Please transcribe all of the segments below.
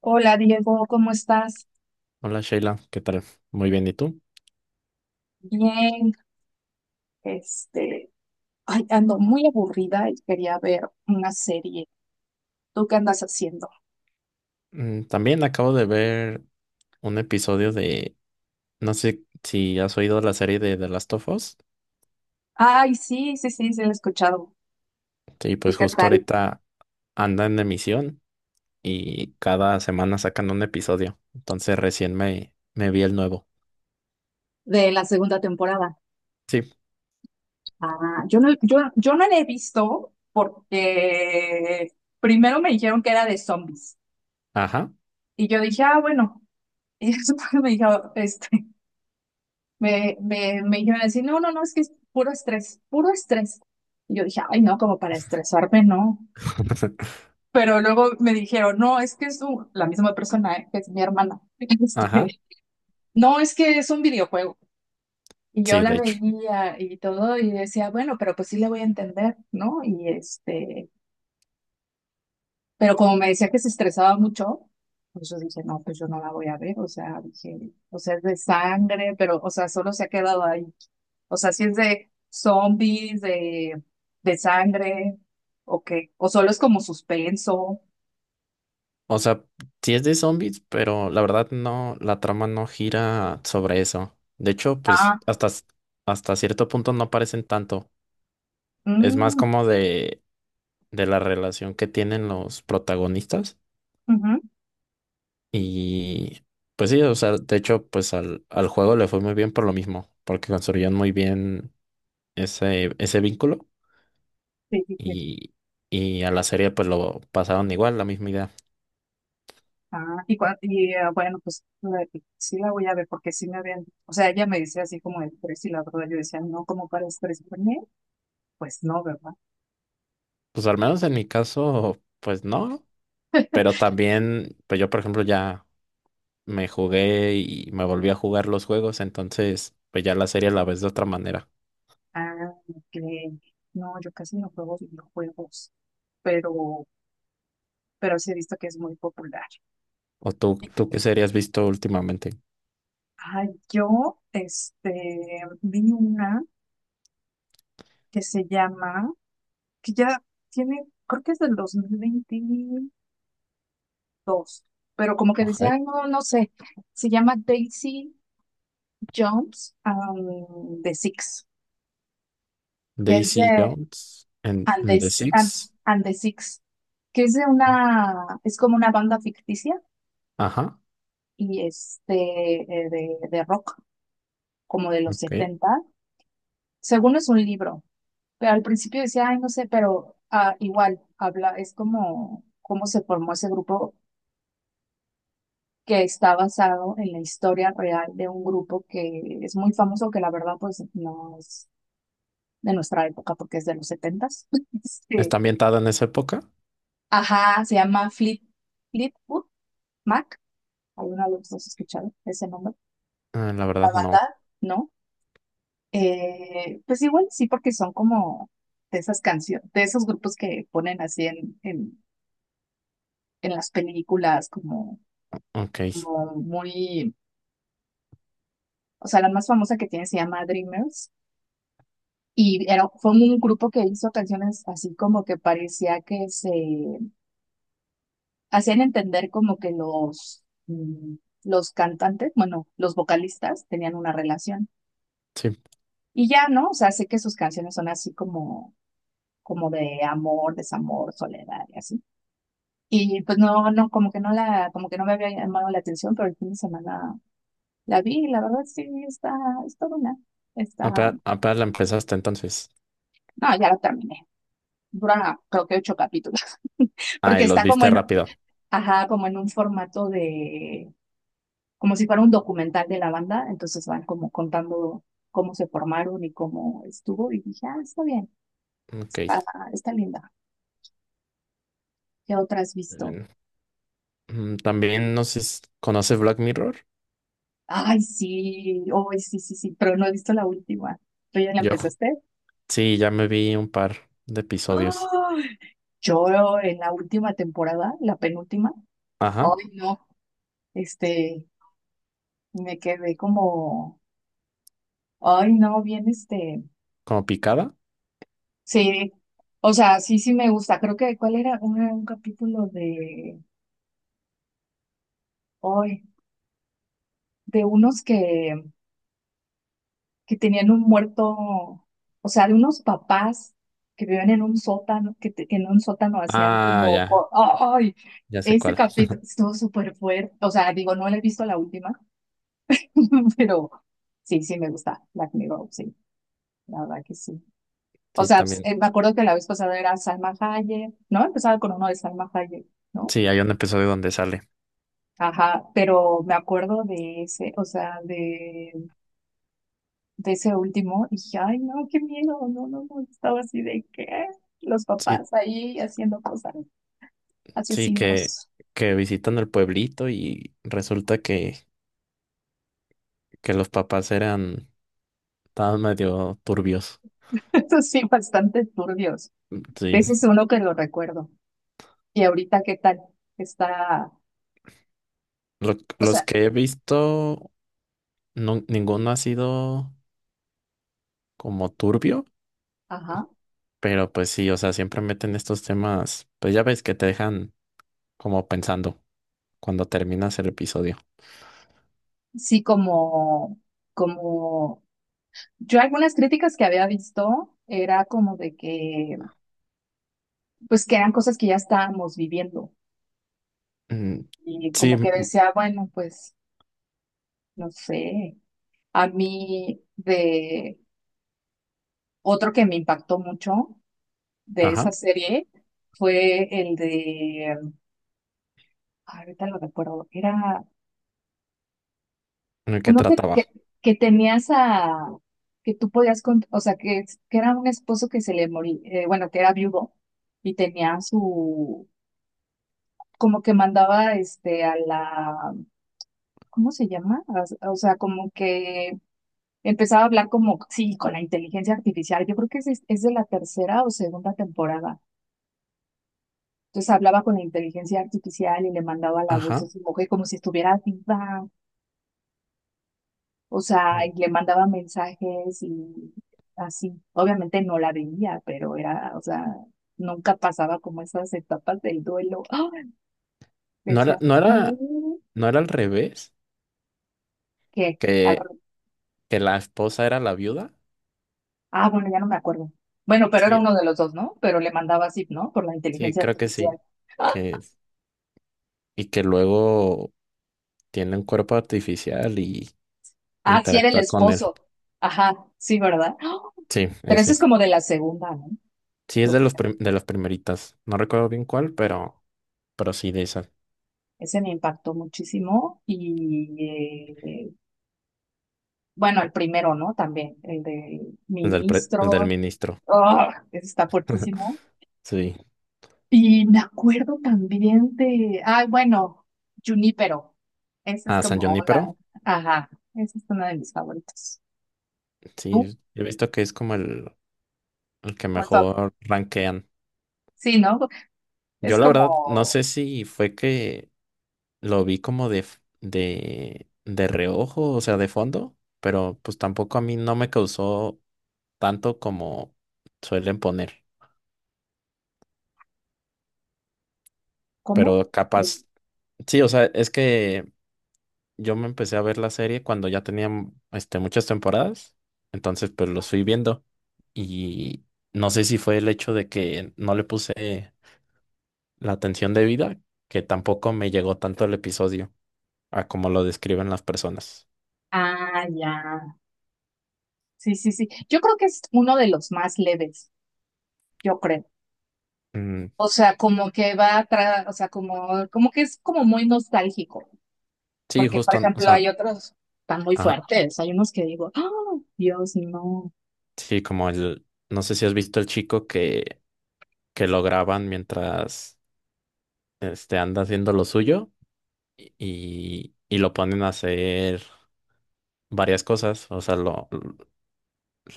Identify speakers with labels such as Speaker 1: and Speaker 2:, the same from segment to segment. Speaker 1: Hola Diego, ¿cómo estás?
Speaker 2: Hola Sheila, ¿qué tal? Muy bien, ¿y tú?
Speaker 1: Bien, este, ay, ando muy aburrida y quería ver una serie. ¿Tú qué andas haciendo?
Speaker 2: Mm, también acabo de ver un episodio no sé si has oído la serie de The Last of Us.
Speaker 1: Ay, sí, sí, sí, sí, la he escuchado.
Speaker 2: Sí,
Speaker 1: ¿Y
Speaker 2: pues
Speaker 1: qué
Speaker 2: justo
Speaker 1: tal?
Speaker 2: ahorita anda en emisión y cada semana sacan un episodio. Entonces recién me vi el nuevo.
Speaker 1: De la segunda temporada.
Speaker 2: Sí,
Speaker 1: Ah, yo no, yo no la he visto porque primero me dijeron que era de zombies.
Speaker 2: ajá.
Speaker 1: Y yo dije, ah, bueno. Y después me dijo, me dijeron así, no, no, no, es que es puro estrés, puro estrés. Y yo dije, ay, no, como para estresarme, no. Pero luego me dijeron, no, es que es la misma persona, ¿eh? Que es mi hermana.
Speaker 2: Ajá,
Speaker 1: Este, no, es que es un videojuego. Y yo
Speaker 2: sí, de
Speaker 1: la
Speaker 2: hecho.
Speaker 1: veía y todo y decía, bueno, pero pues sí le voy a entender, ¿no? Y pero como me decía que se estresaba mucho, pues yo dije, no, pues yo no la voy a ver. O sea, dije, o sea, es de sangre, pero, o sea, solo se ha quedado ahí. O sea, si es de zombies, de sangre, o qué. O solo es como suspenso.
Speaker 2: O sea, sí es de zombies, pero la verdad no, la trama no gira sobre eso. De hecho, pues
Speaker 1: Ah,
Speaker 2: hasta, hasta cierto punto no aparecen tanto. Es más
Speaker 1: mm,
Speaker 2: como de la relación que tienen los protagonistas.
Speaker 1: ujú.
Speaker 2: Y pues sí, o sea, de hecho, pues al juego le fue muy bien por lo mismo, porque construyeron muy bien ese vínculo
Speaker 1: Sí, sí, sí.
Speaker 2: y, y a la serie pues lo pasaron igual, la misma idea.
Speaker 1: Ah, y bueno, pues sí la voy a ver porque sí me habían, o sea, ella me decía así como el precio y la verdad yo decía, no, ¿como para estrés por mí? Pues no, ¿verdad?
Speaker 2: Pues al menos en mi caso, pues no, pero también, pues yo por ejemplo ya me jugué y me volví a jugar los juegos, entonces pues ya la serie la ves de otra manera.
Speaker 1: Ah, ok. No, yo casi no juego videojuegos, pero, pero, sí he visto que es muy popular.
Speaker 2: ¿O tú qué serie has visto últimamente?
Speaker 1: Ah, yo, vi una que se llama, que ya tiene, creo que es del 2022, pero como que decía,
Speaker 2: Ajá.
Speaker 1: ay, no, no sé, se llama Daisy Jones and the Six, que es de
Speaker 2: Daisy Jones en,
Speaker 1: And the,
Speaker 2: en The
Speaker 1: S- and,
Speaker 2: Six.
Speaker 1: and the Six, que es de una, es como una banda ficticia
Speaker 2: Ajá,
Speaker 1: y de rock, como de los
Speaker 2: ok.
Speaker 1: setenta. Según es un libro, pero al principio decía, ay, no sé, pero ah, igual habla, es como cómo se formó ese grupo, que está basado en la historia real de un grupo que es muy famoso, que la verdad pues no es de nuestra época porque es de los 70.
Speaker 2: ¿Está ambientada en esa época?
Speaker 1: Ajá, se llama Fleetwood Mac. ¿Alguna vez los has escuchado ese nombre?
Speaker 2: Ah, la
Speaker 1: La
Speaker 2: verdad, no.
Speaker 1: banda, ¿no? Pues igual sí, porque son como de esas canciones, de esos grupos que ponen así en, en las películas, como,
Speaker 2: Ok,
Speaker 1: como muy. O sea, la más famosa que tiene se llama Dreamers. Y fue un grupo que hizo canciones así como que parecía que se hacían entender como que los, mm, los cantantes, bueno, los vocalistas tenían una relación.
Speaker 2: sí.
Speaker 1: Y ya, ¿no? O sea, sé que sus canciones son así como, como de amor, desamor, soledad y así. Y pues no, no, como que no me había llamado la atención, pero el fin de semana la vi, y la verdad sí, está buena. Está,
Speaker 2: Apenas, apenas la empezaste entonces.
Speaker 1: no, ya la terminé. Dura creo que ocho capítulos,
Speaker 2: Ah,
Speaker 1: porque
Speaker 2: y los
Speaker 1: está como
Speaker 2: viste
Speaker 1: en,
Speaker 2: rápido.
Speaker 1: ajá, como en un formato de, como si fuera un documental de la banda, entonces van como contando cómo se formaron y cómo estuvo, y dije, ah, está bien,
Speaker 2: Ok,
Speaker 1: está, está linda. ¿Qué otra has visto?
Speaker 2: bien. Mm, también no sé, ¿conoces Black Mirror?
Speaker 1: Ay, sí, hoy sí, sí, sí, pero no he visto la última. ¿Tú ya la
Speaker 2: Yo ju-
Speaker 1: empezaste?
Speaker 2: sí, ya me vi un par de episodios.
Speaker 1: ¡Ay! Yo en la última temporada, la penúltima,
Speaker 2: Ajá,
Speaker 1: ay, no, este, me quedé como, ay, no, bien,
Speaker 2: como picada.
Speaker 1: sí, o sea, sí, sí me gusta. Creo que, ¿cuál era? Un capítulo de, ay, de unos que tenían un muerto, o sea, de unos papás que vivían en un sótano, que en un sótano hacían
Speaker 2: Ah,
Speaker 1: como,
Speaker 2: ya,
Speaker 1: ¡oh! Ay,
Speaker 2: ya sé
Speaker 1: ese
Speaker 2: cuál.
Speaker 1: capítulo estuvo súper fuerte, o sea, digo, no le he visto la última, pero sí, sí me gusta Black Mirror, sí, la verdad que sí. O
Speaker 2: Sí,
Speaker 1: sea, pues,
Speaker 2: también.
Speaker 1: me acuerdo que la vez pasada era Salma Hayek, ¿no? Empezaba con uno de Salma Hayek, ¿no?
Speaker 2: Sí, hay un episodio donde sale.
Speaker 1: Ajá, pero me acuerdo de ese, o sea, de ese último, dije, ay, no, qué miedo, no, no, no, estaba así de que los
Speaker 2: Sí,
Speaker 1: papás ahí haciendo cosas,
Speaker 2: sí,
Speaker 1: asesinos,
Speaker 2: que visitan el pueblito y resulta que los papás estaban medio turbios.
Speaker 1: eso sí, bastante turbios.
Speaker 2: Sí.
Speaker 1: Ese es uno que lo recuerdo. Y ahorita, ¿qué tal? Está,
Speaker 2: Lo-
Speaker 1: o
Speaker 2: los
Speaker 1: sea,
Speaker 2: que he visto, no, ninguno ha sido como turbio,
Speaker 1: ajá,
Speaker 2: pero pues sí, o sea, siempre meten estos temas, pues ya ves que te dejan como pensando cuando terminas el episodio.
Speaker 1: sí, como, yo algunas críticas que había visto era como de que, pues que eran cosas que ya estábamos viviendo
Speaker 2: Mm,
Speaker 1: y
Speaker 2: sí,
Speaker 1: como que
Speaker 2: mm,
Speaker 1: decía, bueno, pues, no sé. A mí de Otro que me impactó mucho de
Speaker 2: ajá,
Speaker 1: esa serie fue el de, ay, ahorita lo recuerdo, era
Speaker 2: en el que
Speaker 1: uno que,
Speaker 2: trataba.
Speaker 1: que, que tenías a, que tú podías, o sea, que era un esposo que se le moría, bueno, que era viudo y tenía su, como que mandaba a la, ¿cómo se llama? O sea, como que empezaba a hablar como, sí, con la inteligencia artificial, yo creo que es de la tercera o segunda temporada. Entonces hablaba con la inteligencia artificial y le mandaba la voz de
Speaker 2: Ajá.
Speaker 1: su mujer como si estuviera viva, o sea, y
Speaker 2: Mm.
Speaker 1: le mandaba mensajes y así. Obviamente no la veía, pero o sea, nunca pasaba como esas etapas del duelo. ¡Ah!
Speaker 2: No era,
Speaker 1: Decía,
Speaker 2: no
Speaker 1: ¿qué?
Speaker 2: era, no era al revés,
Speaker 1: ¿Qué?
Speaker 2: que, que la esposa era la viuda.
Speaker 1: Ah, bueno, ya no me acuerdo. Bueno, pero era
Speaker 2: Sí,
Speaker 1: uno de los dos, ¿no? Pero le mandaba así, ¿no? Por la
Speaker 2: sí,
Speaker 1: inteligencia
Speaker 2: creo que
Speaker 1: artificial.
Speaker 2: sí. Que, y que luego tiene un cuerpo artificial y
Speaker 1: Ah, sí, era el
Speaker 2: interactúa con él.
Speaker 1: esposo. Ajá, sí, ¿verdad? ¡Ah!
Speaker 2: Sí,
Speaker 1: Pero eso es
Speaker 2: ese.
Speaker 1: como de la segunda,
Speaker 2: Sí, es de
Speaker 1: ¿no?
Speaker 2: los de las primeritas. No recuerdo bien cuál, pero sí de esa.
Speaker 1: Ese me impactó muchísimo y bueno, el primero, ¿no? También, el de
Speaker 2: El del el del
Speaker 1: ministro,
Speaker 2: ministro.
Speaker 1: ¡ah! Ese está fuertísimo.
Speaker 2: Sí.
Speaker 1: Y me acuerdo también de, ay, bueno, Junípero, ese es
Speaker 2: Ah, San
Speaker 1: como
Speaker 2: Junípero.
Speaker 1: una, ajá, esa es una de mis favoritos. ¿Tú?
Speaker 2: Sí, he visto que es como el que
Speaker 1: Como el.
Speaker 2: mejor rankean.
Speaker 1: Sí, ¿no?
Speaker 2: Yo
Speaker 1: Es
Speaker 2: la verdad no
Speaker 1: como,
Speaker 2: sé si fue que lo vi como de reojo, o sea, de fondo, pero pues tampoco a mí no me causó tanto como suelen poner,
Speaker 1: ¿cómo?
Speaker 2: pero
Speaker 1: El-
Speaker 2: capaz. Sí, o sea, es que yo me empecé a ver la serie cuando ya tenían este, muchas temporadas, entonces pues los fui viendo y no sé si fue el hecho de que no le puse la atención debida, que tampoco me llegó tanto el episodio a como lo describen las personas.
Speaker 1: ah, ya, sí, sí, sí. Yo creo que es uno de los más leves, yo creo.
Speaker 2: Mm,
Speaker 1: O sea, como que va atrás, o sea, como que es como muy nostálgico,
Speaker 2: sí,
Speaker 1: porque por
Speaker 2: justo, o
Speaker 1: ejemplo
Speaker 2: sea,
Speaker 1: hay otros tan muy
Speaker 2: ajá,
Speaker 1: fuertes, hay unos que digo, ¡ah, Dios, no!
Speaker 2: sí, como el, no sé si has visto el chico que lo graban mientras este, anda haciendo lo suyo y lo ponen a hacer varias cosas,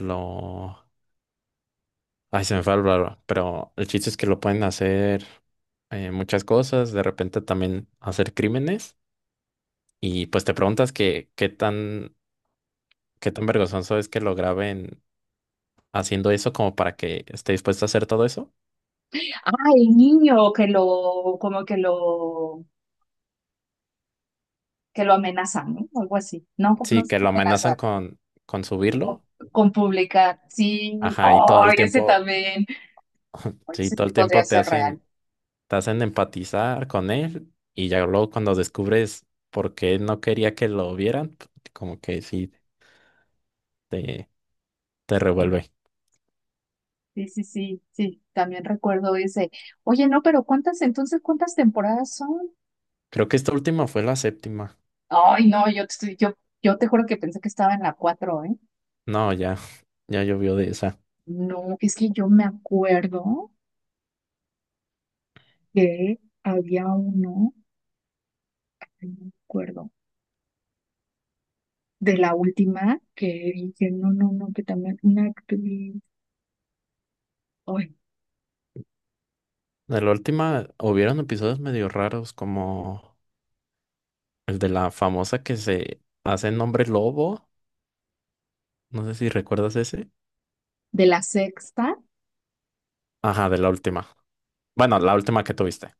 Speaker 2: lo, ay, se me fue el raro, pero el chiste es que lo pueden hacer muchas cosas, de repente también hacer crímenes, y pues te preguntas qué tan vergonzoso es que lo graben haciendo eso como para que esté dispuesto a hacer todo eso.
Speaker 1: Ah, el niño que lo, que lo amenazan, ¿no? Algo así. No, no
Speaker 2: Sí,
Speaker 1: es
Speaker 2: que lo amenazan
Speaker 1: amenazar,
Speaker 2: con subirlo,
Speaker 1: con publicar. Sí,
Speaker 2: ajá, y todo el
Speaker 1: ay, ese
Speaker 2: tiempo,
Speaker 1: también. Ay,
Speaker 2: sí,
Speaker 1: ese
Speaker 2: todo
Speaker 1: sí
Speaker 2: el
Speaker 1: podría
Speaker 2: tiempo
Speaker 1: ser real.
Speaker 2: te hacen empatizar con él y ya luego cuando descubres por qué no quería que lo vieran, como que sí te, te revuelve.
Speaker 1: Sí, sí, sí, sí, también recuerdo ese. Oye, no, pero ¿cuántas entonces, cuántas temporadas son?
Speaker 2: Creo que esta última fue la 7.ª.
Speaker 1: Ay, no, yo te juro que pensé que estaba en la 4, ¿eh?
Speaker 2: No, ya, ya llovió de esa.
Speaker 1: No, es que yo me acuerdo que había uno, ay, no me acuerdo, de la última que dije, no, no, no, que también una actriz, ay,
Speaker 2: De la última hubieron episodios medio raros, como el de la famosa que se hace nombre lobo. No sé si recuerdas ese.
Speaker 1: de la sexta,
Speaker 2: Ajá, de la última. Bueno, la última que tuviste.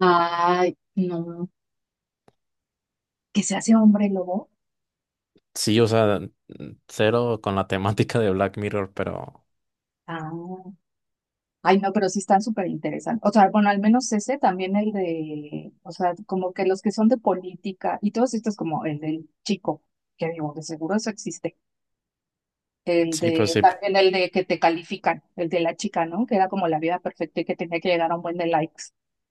Speaker 1: ay, no, que se hace hombre lobo.
Speaker 2: Sí, o sea, mm, cero con la temática de Black Mirror, pero
Speaker 1: Ah, ay, no, pero sí están súper interesantes. O sea, bueno, al menos ese, también el de, o sea, como que los que son de política y todos estos como el del chico, que digo, de seguro eso existe. El
Speaker 2: sí, pues
Speaker 1: de,
Speaker 2: sí.
Speaker 1: también el de que te califican, el de la chica, ¿no? Que era como la vida perfecta y que tenía que llegar a un buen de likes.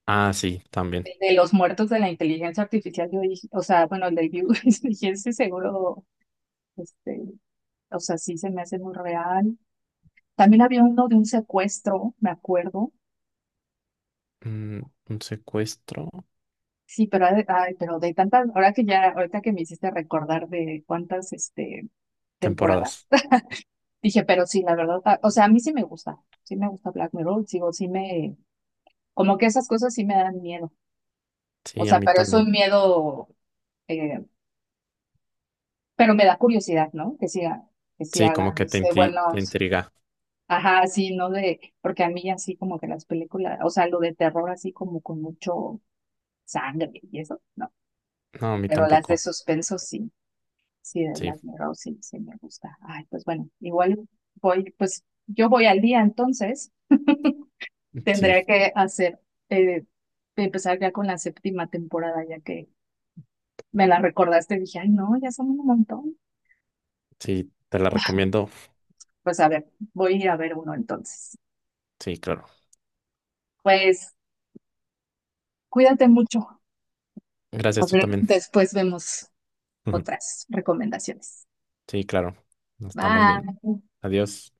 Speaker 2: Ah, sí, también.
Speaker 1: El de los muertos de la inteligencia artificial, yo dije, o sea, bueno, el de View, dije, ese seguro, este, o sea, sí se me hace muy real. También había uno de un secuestro, me acuerdo.
Speaker 2: Mm, un secuestro.
Speaker 1: Sí, pero, ay, pero de tantas, ahora que ya, ahorita que me hiciste recordar de cuántas, temporadas,
Speaker 2: Temporadas.
Speaker 1: dije, pero sí, la verdad, ah, o sea, a mí sí me gusta Black Mirror, sigo, sí me, como que esas cosas sí me dan miedo. O
Speaker 2: Sí, a
Speaker 1: sea,
Speaker 2: mí
Speaker 1: pero es
Speaker 2: también.
Speaker 1: un miedo, eh, pero me da curiosidad, ¿no? Que si
Speaker 2: Sí, como
Speaker 1: hagan
Speaker 2: que te
Speaker 1: buenos,
Speaker 2: intriga.
Speaker 1: ajá, sí, ¿no? De, porque a mí así como que las películas, o sea, lo de terror así como con mucho sangre y eso, no.
Speaker 2: No, a mí
Speaker 1: Pero las de
Speaker 2: tampoco.
Speaker 1: suspenso sí, sí, de
Speaker 2: Sí,
Speaker 1: las miro, sí, sí me gusta. Ay, pues bueno, igual voy, pues yo voy al día entonces, tendría
Speaker 2: sí,
Speaker 1: que hacer, eh, empezar ya con la séptima temporada, ya que me la recordaste, dije, ay, no, ya son un montón.
Speaker 2: sí, te la recomiendo.
Speaker 1: Pues a ver, voy a ir a ver uno entonces.
Speaker 2: Sí, claro.
Speaker 1: Pues cuídate mucho. A
Speaker 2: Gracias, tú
Speaker 1: ver,
Speaker 2: también.
Speaker 1: después vemos otras recomendaciones.
Speaker 2: Sí, claro. Nos estamos bien.
Speaker 1: Bye.
Speaker 2: Adiós.